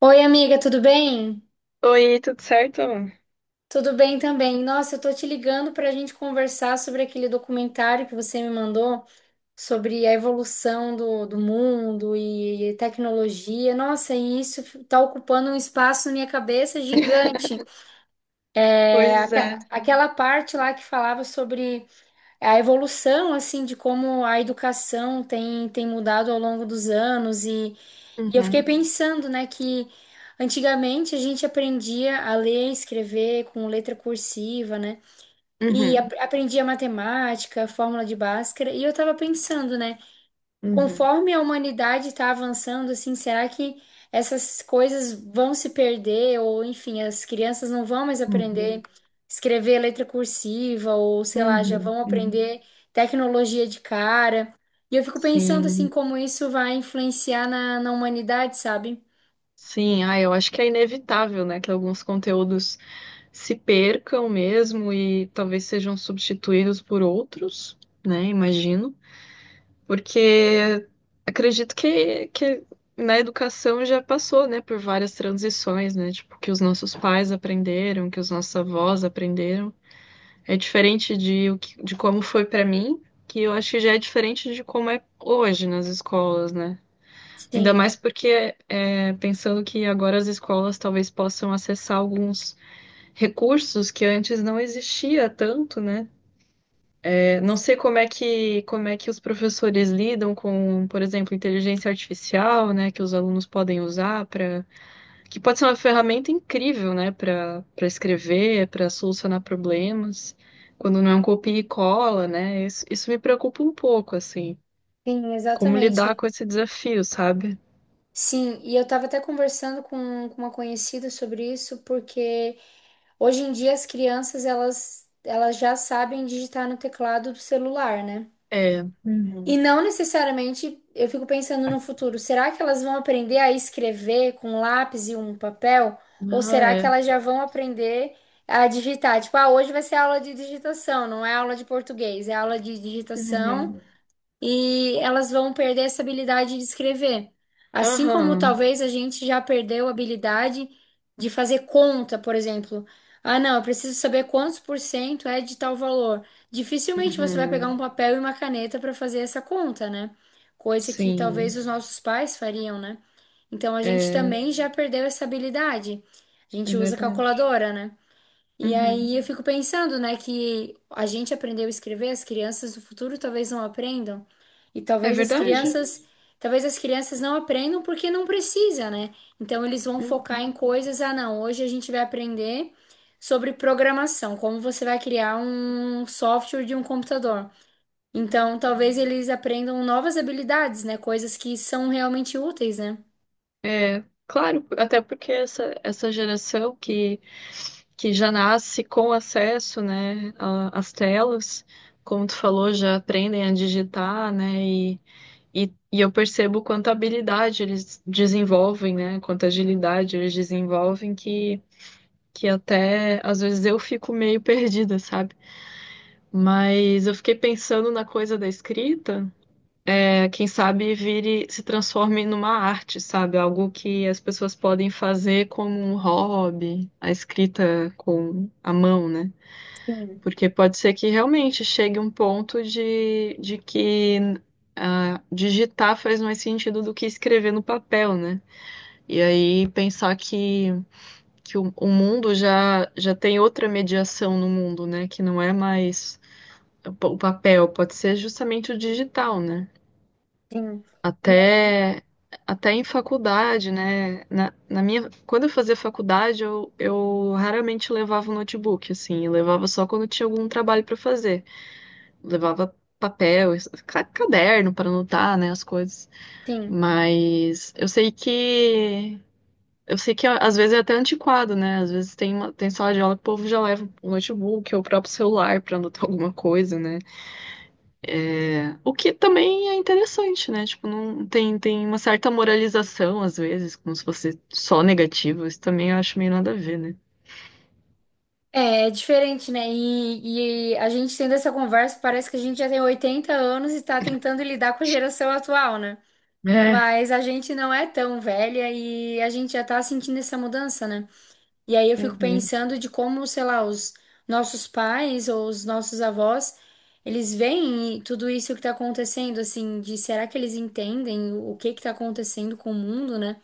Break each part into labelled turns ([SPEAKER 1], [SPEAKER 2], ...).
[SPEAKER 1] Oi, amiga, tudo bem?
[SPEAKER 2] Oi, tudo certo?
[SPEAKER 1] Tudo bem também. Nossa, eu tô te ligando pra gente conversar sobre aquele documentário que você me mandou sobre a evolução do mundo e tecnologia. Nossa, e isso tá ocupando um espaço na minha cabeça gigante. É,
[SPEAKER 2] Pois
[SPEAKER 1] aque-
[SPEAKER 2] é.
[SPEAKER 1] Aquela parte lá que falava sobre a evolução, assim, de como a educação tem mudado ao longo dos anos, e eu
[SPEAKER 2] Uhum,
[SPEAKER 1] fiquei pensando, né, que antigamente a gente aprendia a ler e escrever com letra cursiva, né? E
[SPEAKER 2] uhum,
[SPEAKER 1] aprendia matemática, fórmula de Bhaskara, e eu tava pensando, né,
[SPEAKER 2] uhum,
[SPEAKER 1] conforme a humanidade está avançando, assim, será que essas coisas vão se perder? Ou, enfim, as crianças não vão mais aprender
[SPEAKER 2] uhum,
[SPEAKER 1] escrever letra cursiva, ou sei lá, já
[SPEAKER 2] uhum,
[SPEAKER 1] vão
[SPEAKER 2] uhum.
[SPEAKER 1] aprender tecnologia de cara. E eu fico pensando, assim,
[SPEAKER 2] Sim,
[SPEAKER 1] como isso vai influenciar na humanidade, sabe?
[SPEAKER 2] sim. Ah, eu acho que é inevitável, né, que alguns conteúdos se percam mesmo e talvez sejam substituídos por outros, né, imagino, porque acredito que na educação já passou, né, por várias transições, né, tipo, que os nossos pais aprenderam, que os nossos avós aprenderam. É diferente de, de como foi pra mim, que eu acho que já é diferente de como é hoje nas escolas, né? Ainda
[SPEAKER 1] Sim,
[SPEAKER 2] mais porque pensando que agora as escolas talvez possam acessar alguns recursos que antes não existia tanto, né? É, não sei como é que os professores lidam com, por exemplo, inteligência artificial, né, que os alunos podem usar para que pode ser uma ferramenta incrível, né, para escrever, para solucionar problemas, quando não é um copia e cola, né? Isso me preocupa um pouco, assim,
[SPEAKER 1] sim,
[SPEAKER 2] como lidar
[SPEAKER 1] exatamente.
[SPEAKER 2] com esse desafio, sabe?
[SPEAKER 1] Sim, e eu estava até conversando com uma conhecida sobre isso, porque hoje em dia as crianças elas já sabem digitar no teclado do celular, né?
[SPEAKER 2] É.
[SPEAKER 1] E
[SPEAKER 2] Uhum.
[SPEAKER 1] não necessariamente, eu fico pensando no futuro, será que elas vão aprender a escrever com lápis e um papel? Ou
[SPEAKER 2] Ah,
[SPEAKER 1] será que
[SPEAKER 2] é.
[SPEAKER 1] elas já vão aprender a digitar? Tipo, ah, hoje vai ser aula de digitação, não é aula de português, é aula de digitação,
[SPEAKER 2] Uhum.
[SPEAKER 1] e elas vão perder essa habilidade de escrever. Assim como
[SPEAKER 2] Aham.
[SPEAKER 1] talvez a gente já perdeu a habilidade de fazer conta, por exemplo. Ah, não, eu preciso saber quantos por cento é de tal valor. Dificilmente você vai pegar um
[SPEAKER 2] Uhum.
[SPEAKER 1] papel e uma caneta para fazer essa conta, né? Coisa que talvez
[SPEAKER 2] Sim,
[SPEAKER 1] os nossos pais fariam, né? Então a gente
[SPEAKER 2] é,
[SPEAKER 1] também já perdeu essa habilidade. A
[SPEAKER 2] é
[SPEAKER 1] gente usa
[SPEAKER 2] verdade.
[SPEAKER 1] calculadora, né? E
[SPEAKER 2] Uhum.
[SPEAKER 1] aí eu fico pensando, né, que a gente aprendeu a escrever, as crianças do futuro talvez não aprendam. E
[SPEAKER 2] É verdade.
[SPEAKER 1] talvez as crianças não aprendam porque não precisa, né? Então eles vão focar
[SPEAKER 2] Uhum.
[SPEAKER 1] em coisas, ah, não, hoje a gente vai aprender sobre programação, como você vai criar um software de um computador. Então talvez eles aprendam novas habilidades, né, coisas que são realmente úteis, né?
[SPEAKER 2] É, claro, até porque essa geração que já nasce com acesso, né, às telas, como tu falou, já aprendem a digitar, né, e eu percebo quanta habilidade eles desenvolvem, né, quanta agilidade eles desenvolvem, que até às vezes eu fico meio perdida, sabe? Mas eu fiquei pensando na coisa da escrita. É, quem sabe se transforme numa arte, sabe? Algo que as pessoas podem fazer como um hobby, a escrita com a mão, né?
[SPEAKER 1] Sim,
[SPEAKER 2] Porque pode ser que realmente chegue um ponto de que digitar faz mais sentido do que escrever no papel, né? E aí pensar que o mundo já tem outra mediação no mundo, né? Que não é mais o papel, pode ser justamente o digital, né?
[SPEAKER 1] sim. E é-
[SPEAKER 2] Até, até em faculdade, né? Na minha, quando eu fazia faculdade, eu raramente levava o notebook, assim, eu levava só quando tinha algum trabalho para fazer. Levava papel, caderno para anotar, né, as coisas.
[SPEAKER 1] Sim.
[SPEAKER 2] Mas eu sei que às vezes é até antiquado, né? Às vezes tem sala de aula que o povo já leva o notebook ou o próprio celular para anotar alguma coisa, né? O que também é interessante, né? Tipo, não tem, tem uma certa moralização, às vezes, como se fosse só negativo. Isso também eu acho meio nada a ver, né?
[SPEAKER 1] É, é diferente, né? E a gente tendo essa conversa, parece que a gente já tem 80 anos e tá tentando lidar com a geração atual, né?
[SPEAKER 2] É.
[SPEAKER 1] Mas a gente não é tão velha e a gente já tá sentindo essa mudança, né? E aí eu fico
[SPEAKER 2] Uhum.
[SPEAKER 1] pensando de como, sei lá, os nossos pais ou os nossos avós, eles veem tudo isso que tá acontecendo, assim, de será que eles entendem o que que tá acontecendo com o mundo, né?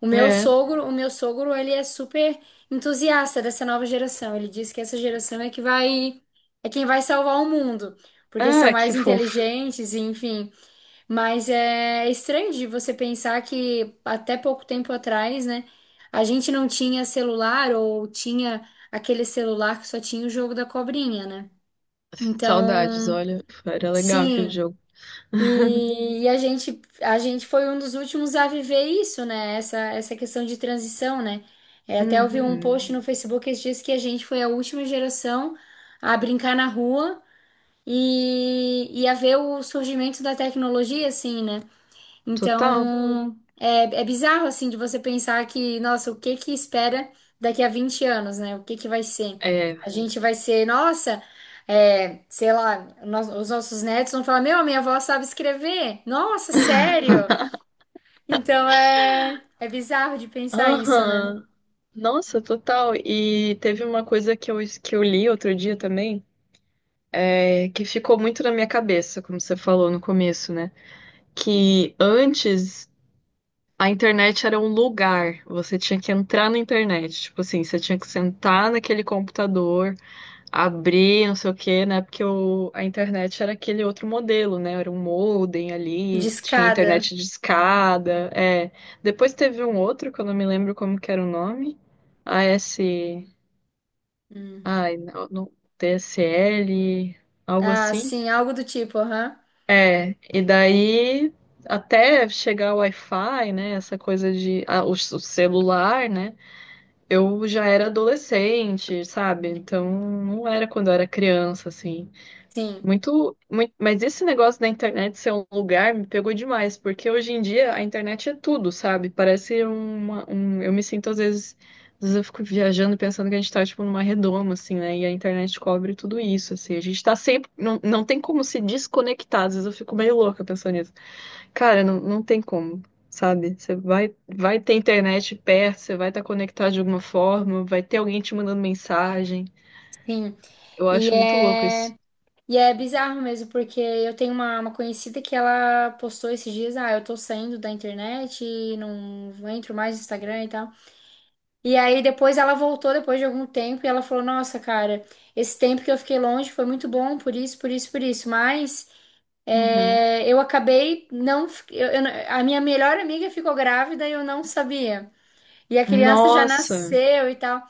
[SPEAKER 1] O meu
[SPEAKER 2] É.
[SPEAKER 1] sogro, o meu sogro, ele é super entusiasta dessa nova geração. Ele diz que essa geração é que vai, é quem vai salvar o mundo, porque são
[SPEAKER 2] Ah,
[SPEAKER 1] mais
[SPEAKER 2] que fofo.
[SPEAKER 1] inteligentes, e enfim. Mas é estranho de você pensar que até pouco tempo atrás, né, a gente não tinha celular ou tinha aquele celular que só tinha o jogo da cobrinha, né?
[SPEAKER 2] Saudades,
[SPEAKER 1] Então,
[SPEAKER 2] olha. Era legal aquele
[SPEAKER 1] sim,
[SPEAKER 2] jogo.
[SPEAKER 1] e, e a gente foi um dos últimos a viver isso, né? Essa questão de transição, né? É, até eu vi um Sim. Post
[SPEAKER 2] Uhum.
[SPEAKER 1] no Facebook esses dias que a gente foi a última geração a brincar na rua e a ver o surgimento da tecnologia, assim, né?
[SPEAKER 2] Total.
[SPEAKER 1] Então, é, é bizarro, assim, de você pensar que, nossa, o que que espera daqui a 20 anos, né? O que que vai ser?
[SPEAKER 2] É.
[SPEAKER 1] A gente vai ser, nossa, é, sei lá, nós- os nossos netos vão falar, meu, a minha avó sabe escrever. Nossa, sério? Então, é, é bizarro de pensar isso, né?
[SPEAKER 2] Aham. Nossa, total. E teve uma coisa que eu li outro dia também, que ficou muito na minha cabeça, como você falou no começo, né? Que antes a internet era um lugar, você tinha que entrar na internet. Tipo assim, você tinha que sentar naquele computador, abrir, não sei o quê, né? Porque a internet era aquele outro modelo, né? Era um modem
[SPEAKER 1] De
[SPEAKER 2] ali, tinha
[SPEAKER 1] escada.
[SPEAKER 2] internet de escada. É. Depois teve um outro, que eu não me lembro como que era o nome. AS.
[SPEAKER 1] Hum.
[SPEAKER 2] Ai, não, não, TSL, algo
[SPEAKER 1] Ah,
[SPEAKER 2] assim.
[SPEAKER 1] sim, algo do tipo, aham.
[SPEAKER 2] É, e daí até chegar o Wi-Fi, né? Essa coisa de o celular, né? Eu já era adolescente, sabe? Então não era quando eu era criança, assim.
[SPEAKER 1] Sim,
[SPEAKER 2] Muito, muito, mas esse negócio da internet ser um lugar me pegou demais, porque hoje em dia a internet é tudo, sabe? Parece eu me sinto às vezes eu fico viajando pensando que a gente tá tipo numa redoma, assim, né? E a internet cobre tudo isso, assim. A gente tá sempre, não, não tem como se desconectar. Às vezes eu fico meio louca pensando nisso. Cara, não, não tem como, sabe? Você vai ter internet perto, você vai estar conectado de alguma forma, vai ter alguém te mandando mensagem.
[SPEAKER 1] sim.
[SPEAKER 2] Eu
[SPEAKER 1] E
[SPEAKER 2] acho muito louco isso.
[SPEAKER 1] é. E é bizarro mesmo, porque eu tenho uma conhecida que ela postou esses dias, ah, eu tô saindo da internet, e não entro mais no Instagram e tal. E aí depois ela voltou depois de algum tempo e ela falou, nossa, cara, esse tempo que eu fiquei longe foi muito bom, por isso, por isso, por isso. Mas
[SPEAKER 2] Uhum.
[SPEAKER 1] é, eu acabei não, fi- eu não- a minha melhor amiga ficou grávida e eu não sabia. E a criança já
[SPEAKER 2] Nossa!
[SPEAKER 1] nasceu e tal.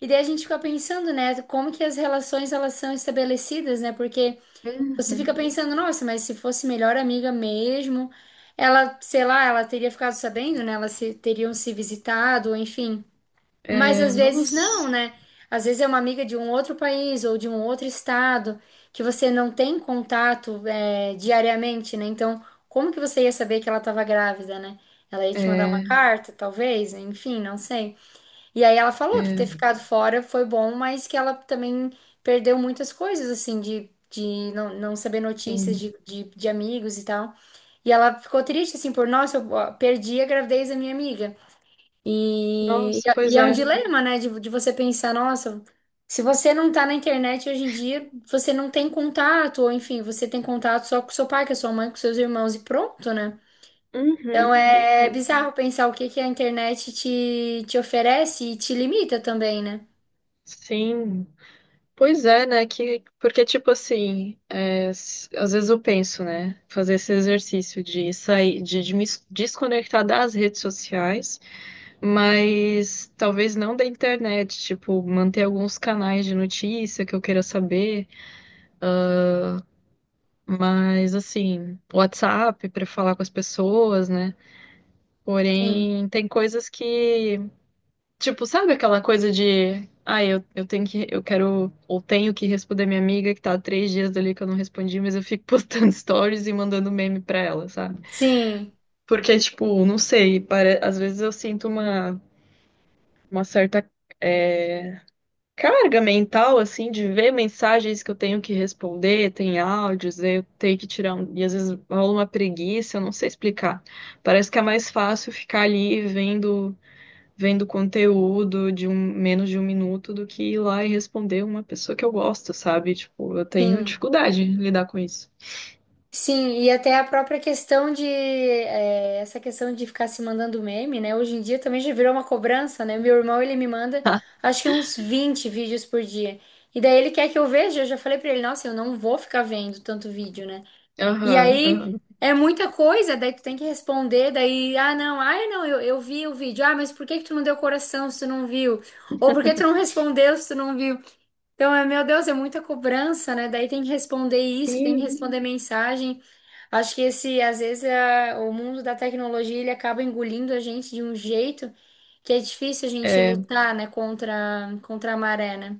[SPEAKER 1] E daí a gente fica pensando, né, como que as relações elas são estabelecidas, né? Porque você fica
[SPEAKER 2] Uhum.
[SPEAKER 1] pensando, nossa, mas se fosse melhor amiga mesmo, ela, sei lá, ela teria ficado sabendo, né? Elas se- teriam se visitado, enfim. Mas
[SPEAKER 2] É,
[SPEAKER 1] às vezes não,
[SPEAKER 2] nossa!
[SPEAKER 1] né? Às vezes é uma amiga de um outro país ou de um outro estado que você não tem contato, é, diariamente, né? Então, como que você ia saber que ela estava grávida, né? Ela ia te mandar uma
[SPEAKER 2] É,
[SPEAKER 1] carta, talvez, enfim, não sei. E aí ela falou que
[SPEAKER 2] é,
[SPEAKER 1] ter ficado fora foi bom, mas que ela também perdeu muitas coisas, assim, de não saber notícias
[SPEAKER 2] tem-
[SPEAKER 1] de amigos e tal. E ela ficou triste, assim, por, nossa, eu ó, perdi a gravidez da minha amiga.
[SPEAKER 2] Nossa, pois
[SPEAKER 1] E é um
[SPEAKER 2] é.
[SPEAKER 1] dilema, né, de você pensar, nossa, se você não tá na internet hoje em dia, você não tem contato, ou enfim, você tem contato só com seu pai, com a sua mãe, com seus irmãos e pronto, né? Então
[SPEAKER 2] Uhum,
[SPEAKER 1] é
[SPEAKER 2] uhum.
[SPEAKER 1] bizarro pensar o que que a internet te oferece e te limita também, né?
[SPEAKER 2] Sim. Pois é, né? Porque, tipo assim, às vezes eu penso, né? Fazer esse exercício de sair, de me desconectar das redes sociais. Mas talvez não da internet, tipo, manter alguns canais de notícia que eu queira saber, mas assim, WhatsApp para falar com as pessoas, né?
[SPEAKER 1] Sim,
[SPEAKER 2] Porém, tem coisas que, tipo, sabe aquela coisa de, eu eu quero, ou tenho que responder minha amiga que tá há 3 dias dali que eu não respondi, mas eu fico postando stories e mandando meme pra ela, sabe?
[SPEAKER 1] sim,
[SPEAKER 2] Porque, tipo, não sei, às vezes eu sinto uma certa. eh, carga mental, assim, de ver mensagens que eu tenho que responder, tem áudios, eu tenho que tirar E às vezes rola uma preguiça, eu não sei explicar. Parece que é mais fácil ficar ali vendo conteúdo menos de um minuto do que ir lá e responder uma pessoa que eu gosto, sabe? Tipo, eu tenho
[SPEAKER 1] sim.
[SPEAKER 2] dificuldade em lidar com isso.
[SPEAKER 1] Sim, e até a própria questão de é, essa questão de ficar se mandando meme, né? Hoje em dia também já virou uma cobrança, né? Meu irmão, ele me manda acho que uns 20 vídeos por dia. E daí ele quer que eu veja, eu já falei pra ele, nossa, eu não vou ficar vendo tanto vídeo, né? E
[SPEAKER 2] Aham,
[SPEAKER 1] aí
[SPEAKER 2] aham.
[SPEAKER 1] é muita coisa, daí tu tem que responder, daí, ah, não, ai, não, eu vi o vídeo. Ah, mas por que que tu não deu coração se tu não viu? Ou por que tu não respondeu se tu não viu? Então, é, meu Deus, é muita cobrança, né? Daí tem que responder isso, tem que
[SPEAKER 2] Sim,
[SPEAKER 1] responder mensagem. Acho que esse, às vezes, o mundo da tecnologia, ele acaba engolindo a gente de um jeito que é difícil a gente
[SPEAKER 2] é,
[SPEAKER 1] lutar, né, contra a maré, né?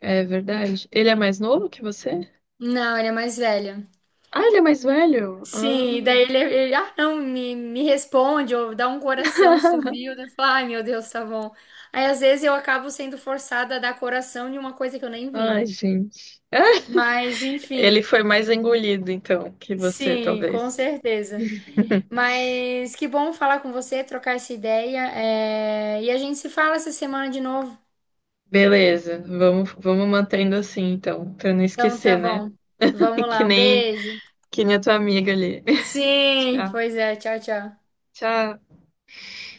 [SPEAKER 2] é verdade. Ele é mais novo que você?
[SPEAKER 1] Não, ele é mais velho.
[SPEAKER 2] Ah, ele é mais velho?
[SPEAKER 1] Sim, e
[SPEAKER 2] Ah.
[SPEAKER 1] daí ele, ah, não, me responde, ou dá um coração se tu viu, daí eu ai meu Deus, tá bom. Aí às vezes eu acabo sendo forçada a dar coração de uma coisa que eu nem vi,
[SPEAKER 2] Ai,
[SPEAKER 1] né?
[SPEAKER 2] gente.
[SPEAKER 1] Mas
[SPEAKER 2] Ele
[SPEAKER 1] enfim,
[SPEAKER 2] foi mais engolido, então, que você,
[SPEAKER 1] sim, com
[SPEAKER 2] talvez.
[SPEAKER 1] certeza. Mas que bom falar com você, trocar essa ideia, é, e a gente se fala essa semana de novo.
[SPEAKER 2] Beleza, vamos mantendo assim, então, pra não
[SPEAKER 1] Então tá
[SPEAKER 2] esquecer, né?
[SPEAKER 1] bom, vamos
[SPEAKER 2] Que
[SPEAKER 1] lá, um
[SPEAKER 2] nem,
[SPEAKER 1] beijo.
[SPEAKER 2] que nem a tua amiga ali.
[SPEAKER 1] Sim,
[SPEAKER 2] Tchau.
[SPEAKER 1] pois é, tchau, tchau.
[SPEAKER 2] Tchau.